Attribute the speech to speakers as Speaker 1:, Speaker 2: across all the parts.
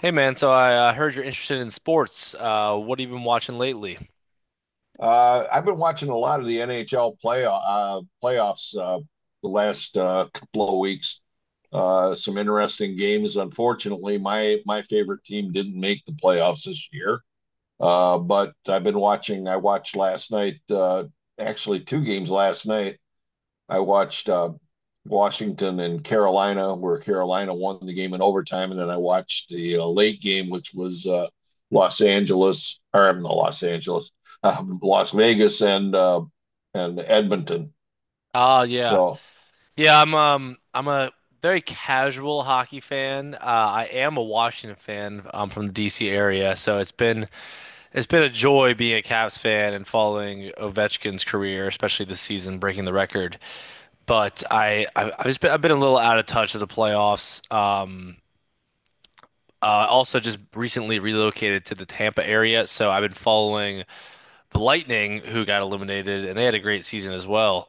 Speaker 1: Hey man, so I heard you're interested in sports. What have you been watching lately?
Speaker 2: I've been watching a lot of the NHL playoffs the last couple of weeks. Some interesting games. Unfortunately, my favorite team didn't make the playoffs this year. But I've been watching. I watched last night. Actually, two games last night. I watched Washington and Carolina, where Carolina won the game in overtime, and then I watched the late game, which was Los Angeles, or not Los Angeles, Las Vegas and Edmonton.
Speaker 1: Ah, yeah,
Speaker 2: So
Speaker 1: yeah. I'm a very casual hockey fan. I am a Washington fan. I'm from the DC area, so it's been a joy being a Cavs fan and following Ovechkin's career, especially this season breaking the record. But I've been a little out of touch of the playoffs. Also just recently relocated to the Tampa area, so I've been following the Lightning, who got eliminated, and they had a great season as well.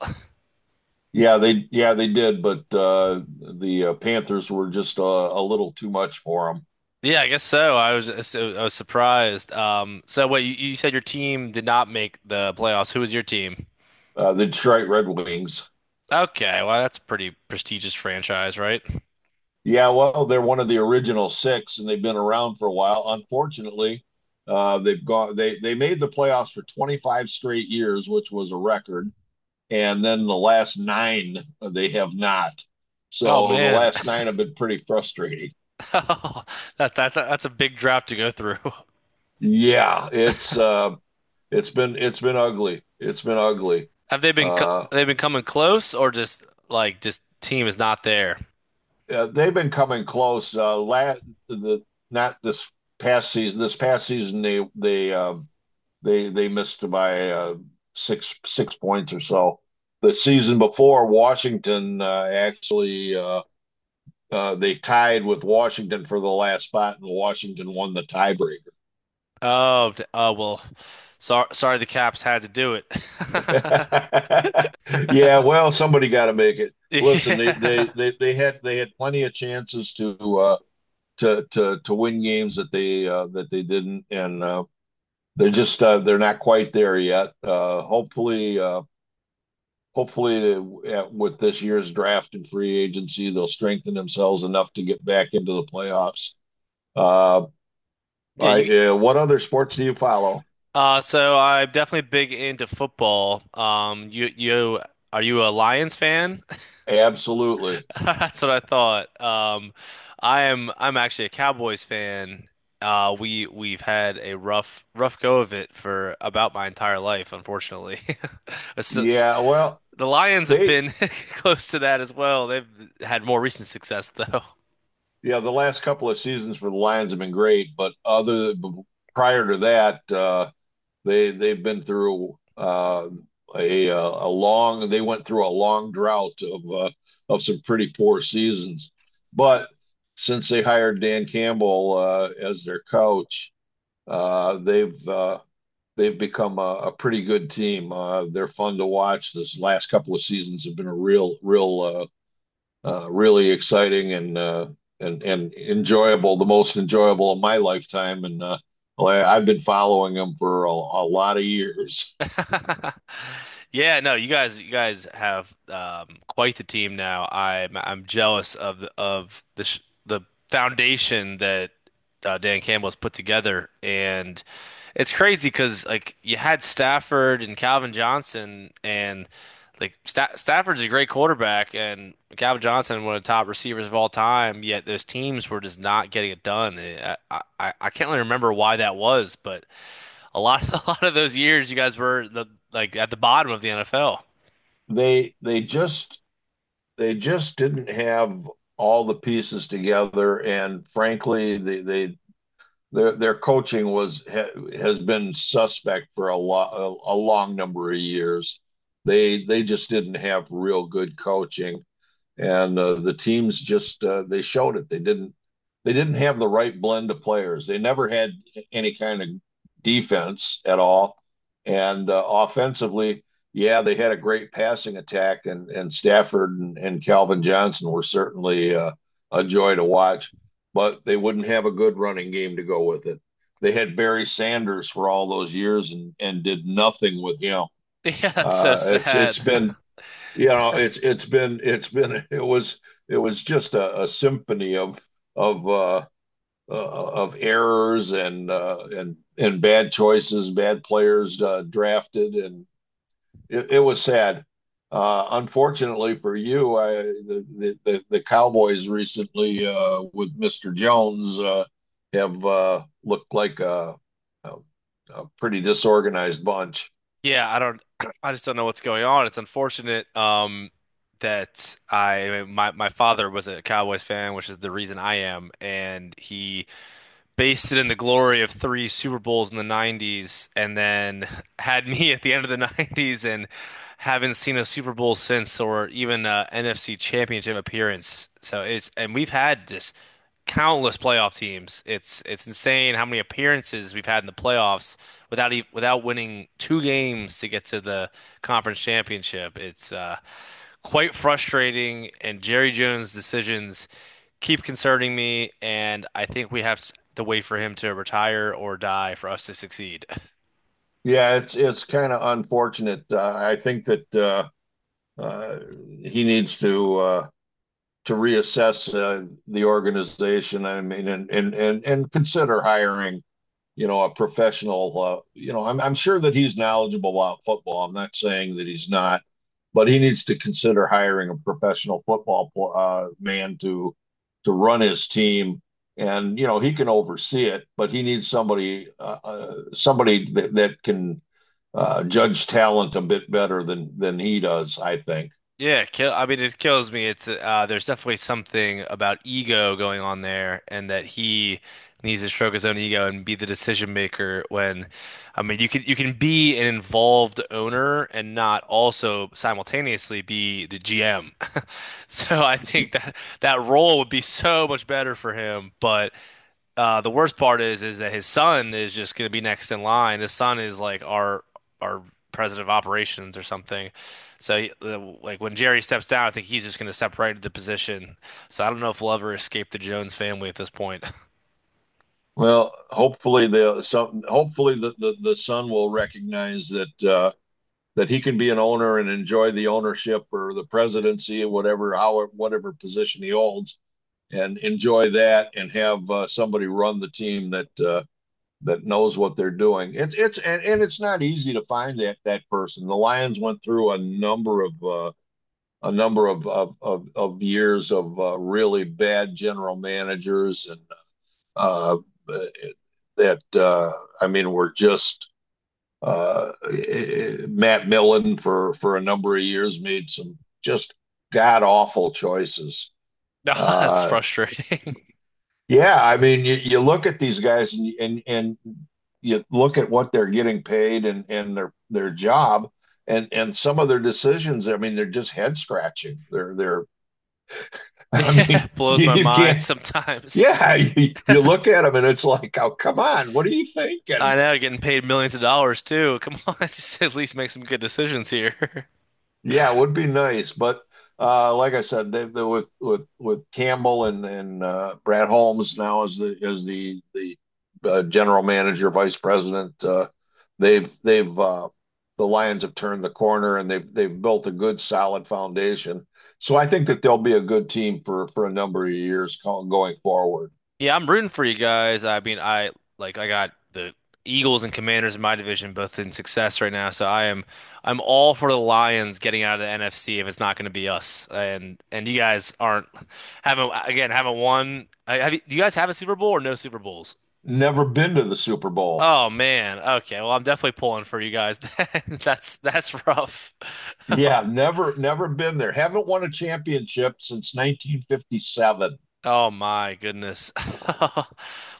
Speaker 2: yeah they did, but the Panthers were just a little too much for them.
Speaker 1: Yeah, I guess so. I was surprised. So wait, you said your team did not make the playoffs. Who was your team?
Speaker 2: The Detroit Red Wings.
Speaker 1: Okay, well that's a pretty prestigious franchise, right?
Speaker 2: Yeah, well, they're one of the original six, and they've been around for a while. Unfortunately, they've gone. They made the playoffs for 25 straight years, which was a record. And then the last nine, they have not.
Speaker 1: Oh
Speaker 2: So the
Speaker 1: man,
Speaker 2: last nine have been pretty frustrating.
Speaker 1: that's a big drop to go through.
Speaker 2: Yeah, it's been ugly. It's been ugly.
Speaker 1: Have they been co-
Speaker 2: Uh,
Speaker 1: They've been coming close, or just like just team is not there?
Speaker 2: they've been coming close. Last the not this Past season. This past season, they missed by six points or so. The season before, Washington actually they tied with Washington for the last spot, and Washington won the tiebreaker.
Speaker 1: Oh well. Sorry, the Caps had to do it.
Speaker 2: Yeah, well, somebody got to make it. Listen, they, they
Speaker 1: Yeah,
Speaker 2: they they had plenty of chances to to win games that they didn't, and they're just they're not quite there yet. Hopefully. Hopefully with this year's draft and free agency, they'll strengthen themselves enough to get back into the playoffs. Uh,
Speaker 1: yeah. You
Speaker 2: what other sports do you follow?
Speaker 1: So I'm definitely big into football. You are you a Lions fan?
Speaker 2: Absolutely.
Speaker 1: That's what I thought. I am I'm actually a Cowboys fan. We've had a rough go of it for about my entire life, unfortunately. It's-
Speaker 2: Yeah, well,
Speaker 1: The Lions have
Speaker 2: they
Speaker 1: been close to that as well. They've had more recent success though.
Speaker 2: yeah, the last couple of seasons for the Lions have been great, but other prior to that, they've been through a long they went through a long drought of some pretty poor seasons, but since they hired Dan Campbell as their coach, uh, they've uh, they've become a pretty good team. They're fun to watch. This last couple of seasons have been a really exciting and and enjoyable, the most enjoyable of my lifetime. And well, I've been following them for a lot of years.
Speaker 1: Yeah, no, you guys have quite the team now. I'm jealous of the foundation that Dan Campbell has put together, and it's crazy because like you had Stafford and Calvin Johnson, and like Stafford's a great quarterback, and Calvin Johnson one of the top receivers of all time. Yet those teams were just not getting it done. I can't really remember why that was, but a lot of, a lot of those years you guys were the like at the bottom of the NFL.
Speaker 2: They just didn't have all the pieces together, and frankly, they their coaching has been suspect for a long number of years. They just didn't have real good coaching. And the teams just they showed it. They didn't have the right blend of players. They never had any kind of defense at all, and offensively, yeah, they had a great passing attack, and Stafford and Calvin Johnson were certainly a joy to watch, but they wouldn't have a good running game to go with it. They had Barry Sanders for all those years and did nothing with him.
Speaker 1: Yeah, that's so
Speaker 2: It's
Speaker 1: sad.
Speaker 2: been, it's been, it's been, it was, it was just a symphony of of uh, of errors and and bad choices, bad players drafted. And it was sad. Uh unfortunately for you, I, the, Cowboys recently with Mr. Jones have looked like a, a pretty disorganized bunch.
Speaker 1: Yeah, I don't I just don't know what's going on. It's unfortunate that I my my father was a Cowboys fan, which is the reason I am, and he based it in the glory of three Super Bowls in the 90s and then had me at the end of the 90s and haven't seen a Super Bowl since, or even a NFC Championship appearance. So it's and We've had just countless playoff teams. It's insane how many appearances we've had in the playoffs without winning two games to get to the conference championship. It's quite frustrating, and Jerry Jones' decisions keep concerning me, and I think we have to wait for him to retire or die for us to succeed.
Speaker 2: Yeah, it's kind of unfortunate. I think that uh, he needs to reassess the organization. I mean, and consider hiring, you know, a professional. You know, I'm sure that he's knowledgeable about football. I'm not saying that he's not, but he needs to consider hiring a professional football man to run his team. And you know, he can oversee it, but he needs somebody somebody that can judge talent a bit better than he does, I think.
Speaker 1: Yeah, kill. I mean, it kills me. It's there's definitely something about ego going on there, and that he needs to stroke his own ego and be the decision maker. I mean, you can be an involved owner and not also simultaneously be the GM. So I think that that role would be so much better for him. But the worst part is that his son is just going to be next in line. His son is like our president of operations or something. Like when Jerry steps down, I think he's just going to step separate the position. So I don't know if we'll ever escape the Jones family at this point.
Speaker 2: Well, hopefully the son will recognize that that he can be an owner and enjoy the ownership or the presidency or whatever position he holds and enjoy that and have somebody run the team that that knows what they're doing. It's And, it's not easy to find that person. The Lions went through a number of of years of really bad general managers and uh, that I mean were just uh, Matt Millen for a number of years made some just god awful choices.
Speaker 1: No, it's
Speaker 2: Uh,
Speaker 1: frustrating.
Speaker 2: Yeah, I mean, you look at these guys and you look at what they're getting paid and their job and some of their decisions. I mean, they're just head scratching. They're they're. I
Speaker 1: Yeah,
Speaker 2: mean,
Speaker 1: it blows my
Speaker 2: you
Speaker 1: mind
Speaker 2: can't.
Speaker 1: sometimes.
Speaker 2: Yeah, you look at them and it's like, oh, come on, what are you thinking?
Speaker 1: I know, getting paid millions of dollars too. Come on, just at least make some good decisions here.
Speaker 2: Yeah, it would be nice, but like I said, with Campbell and Brad Holmes now as the general manager, vice president, they've they've uh, the Lions have turned the corner and they've built a good solid foundation. So I think that they'll be a good team for a number of years going forward.
Speaker 1: Yeah, I'm rooting for you guys. I mean, I like I got the Eagles and Commanders in my division both in success right now, so I'm all for the Lions getting out of the NFC if it's not going to be us. And you guys aren't haven't again haven't won. Have you, do you guys have a Super Bowl or no Super Bowls?
Speaker 2: Never been to the Super Bowl.
Speaker 1: Oh man. Okay. Well, I'm definitely pulling for you guys. That's rough.
Speaker 2: Yeah, never been there. Haven't won a championship since 1957.
Speaker 1: Oh my goodness.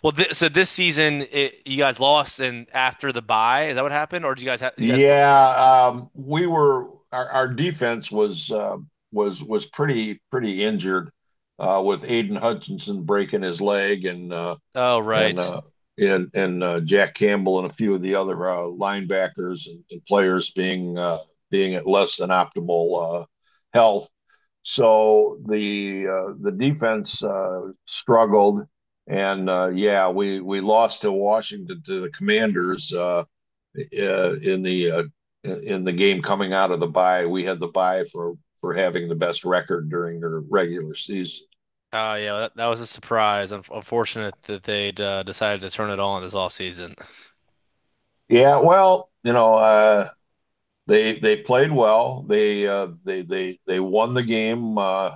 Speaker 1: Well, th so this season you guys lost and after the bye, is that what happened or do you guys have you guys put
Speaker 2: Yeah, we were our defense was was pretty injured with Aiden Hutchinson breaking his leg and
Speaker 1: Oh
Speaker 2: and
Speaker 1: right.
Speaker 2: uh, Jack Campbell and a few of the other linebackers and players being being at less than optimal health. So the defense struggled, and yeah, we lost to Washington, to the Commanders, uh, in the uh, in the game coming out of the bye. We had the bye for having the best record during their regular season.
Speaker 1: Oh yeah, well, that was a surprise. Unfortunate that they'd decided to turn it on this offseason.
Speaker 2: Yeah, well, you know, they played well. They they won the game uh,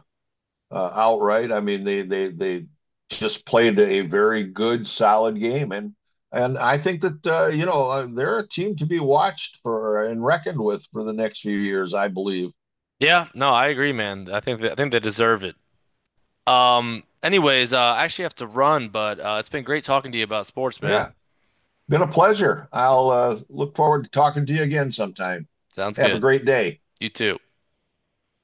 Speaker 2: uh, outright. I mean, they they just played a very good, solid game, and I think that they're a team to be watched for and reckoned with for the next few years, I believe.
Speaker 1: Yeah, no, I agree, man. I think they deserve it. Anyways, I actually have to run, but it's been great talking to you about sports,
Speaker 2: Yeah,
Speaker 1: man.
Speaker 2: been a pleasure. I'll look forward to talking to you again sometime.
Speaker 1: Sounds
Speaker 2: Have a
Speaker 1: good.
Speaker 2: great day.
Speaker 1: You too.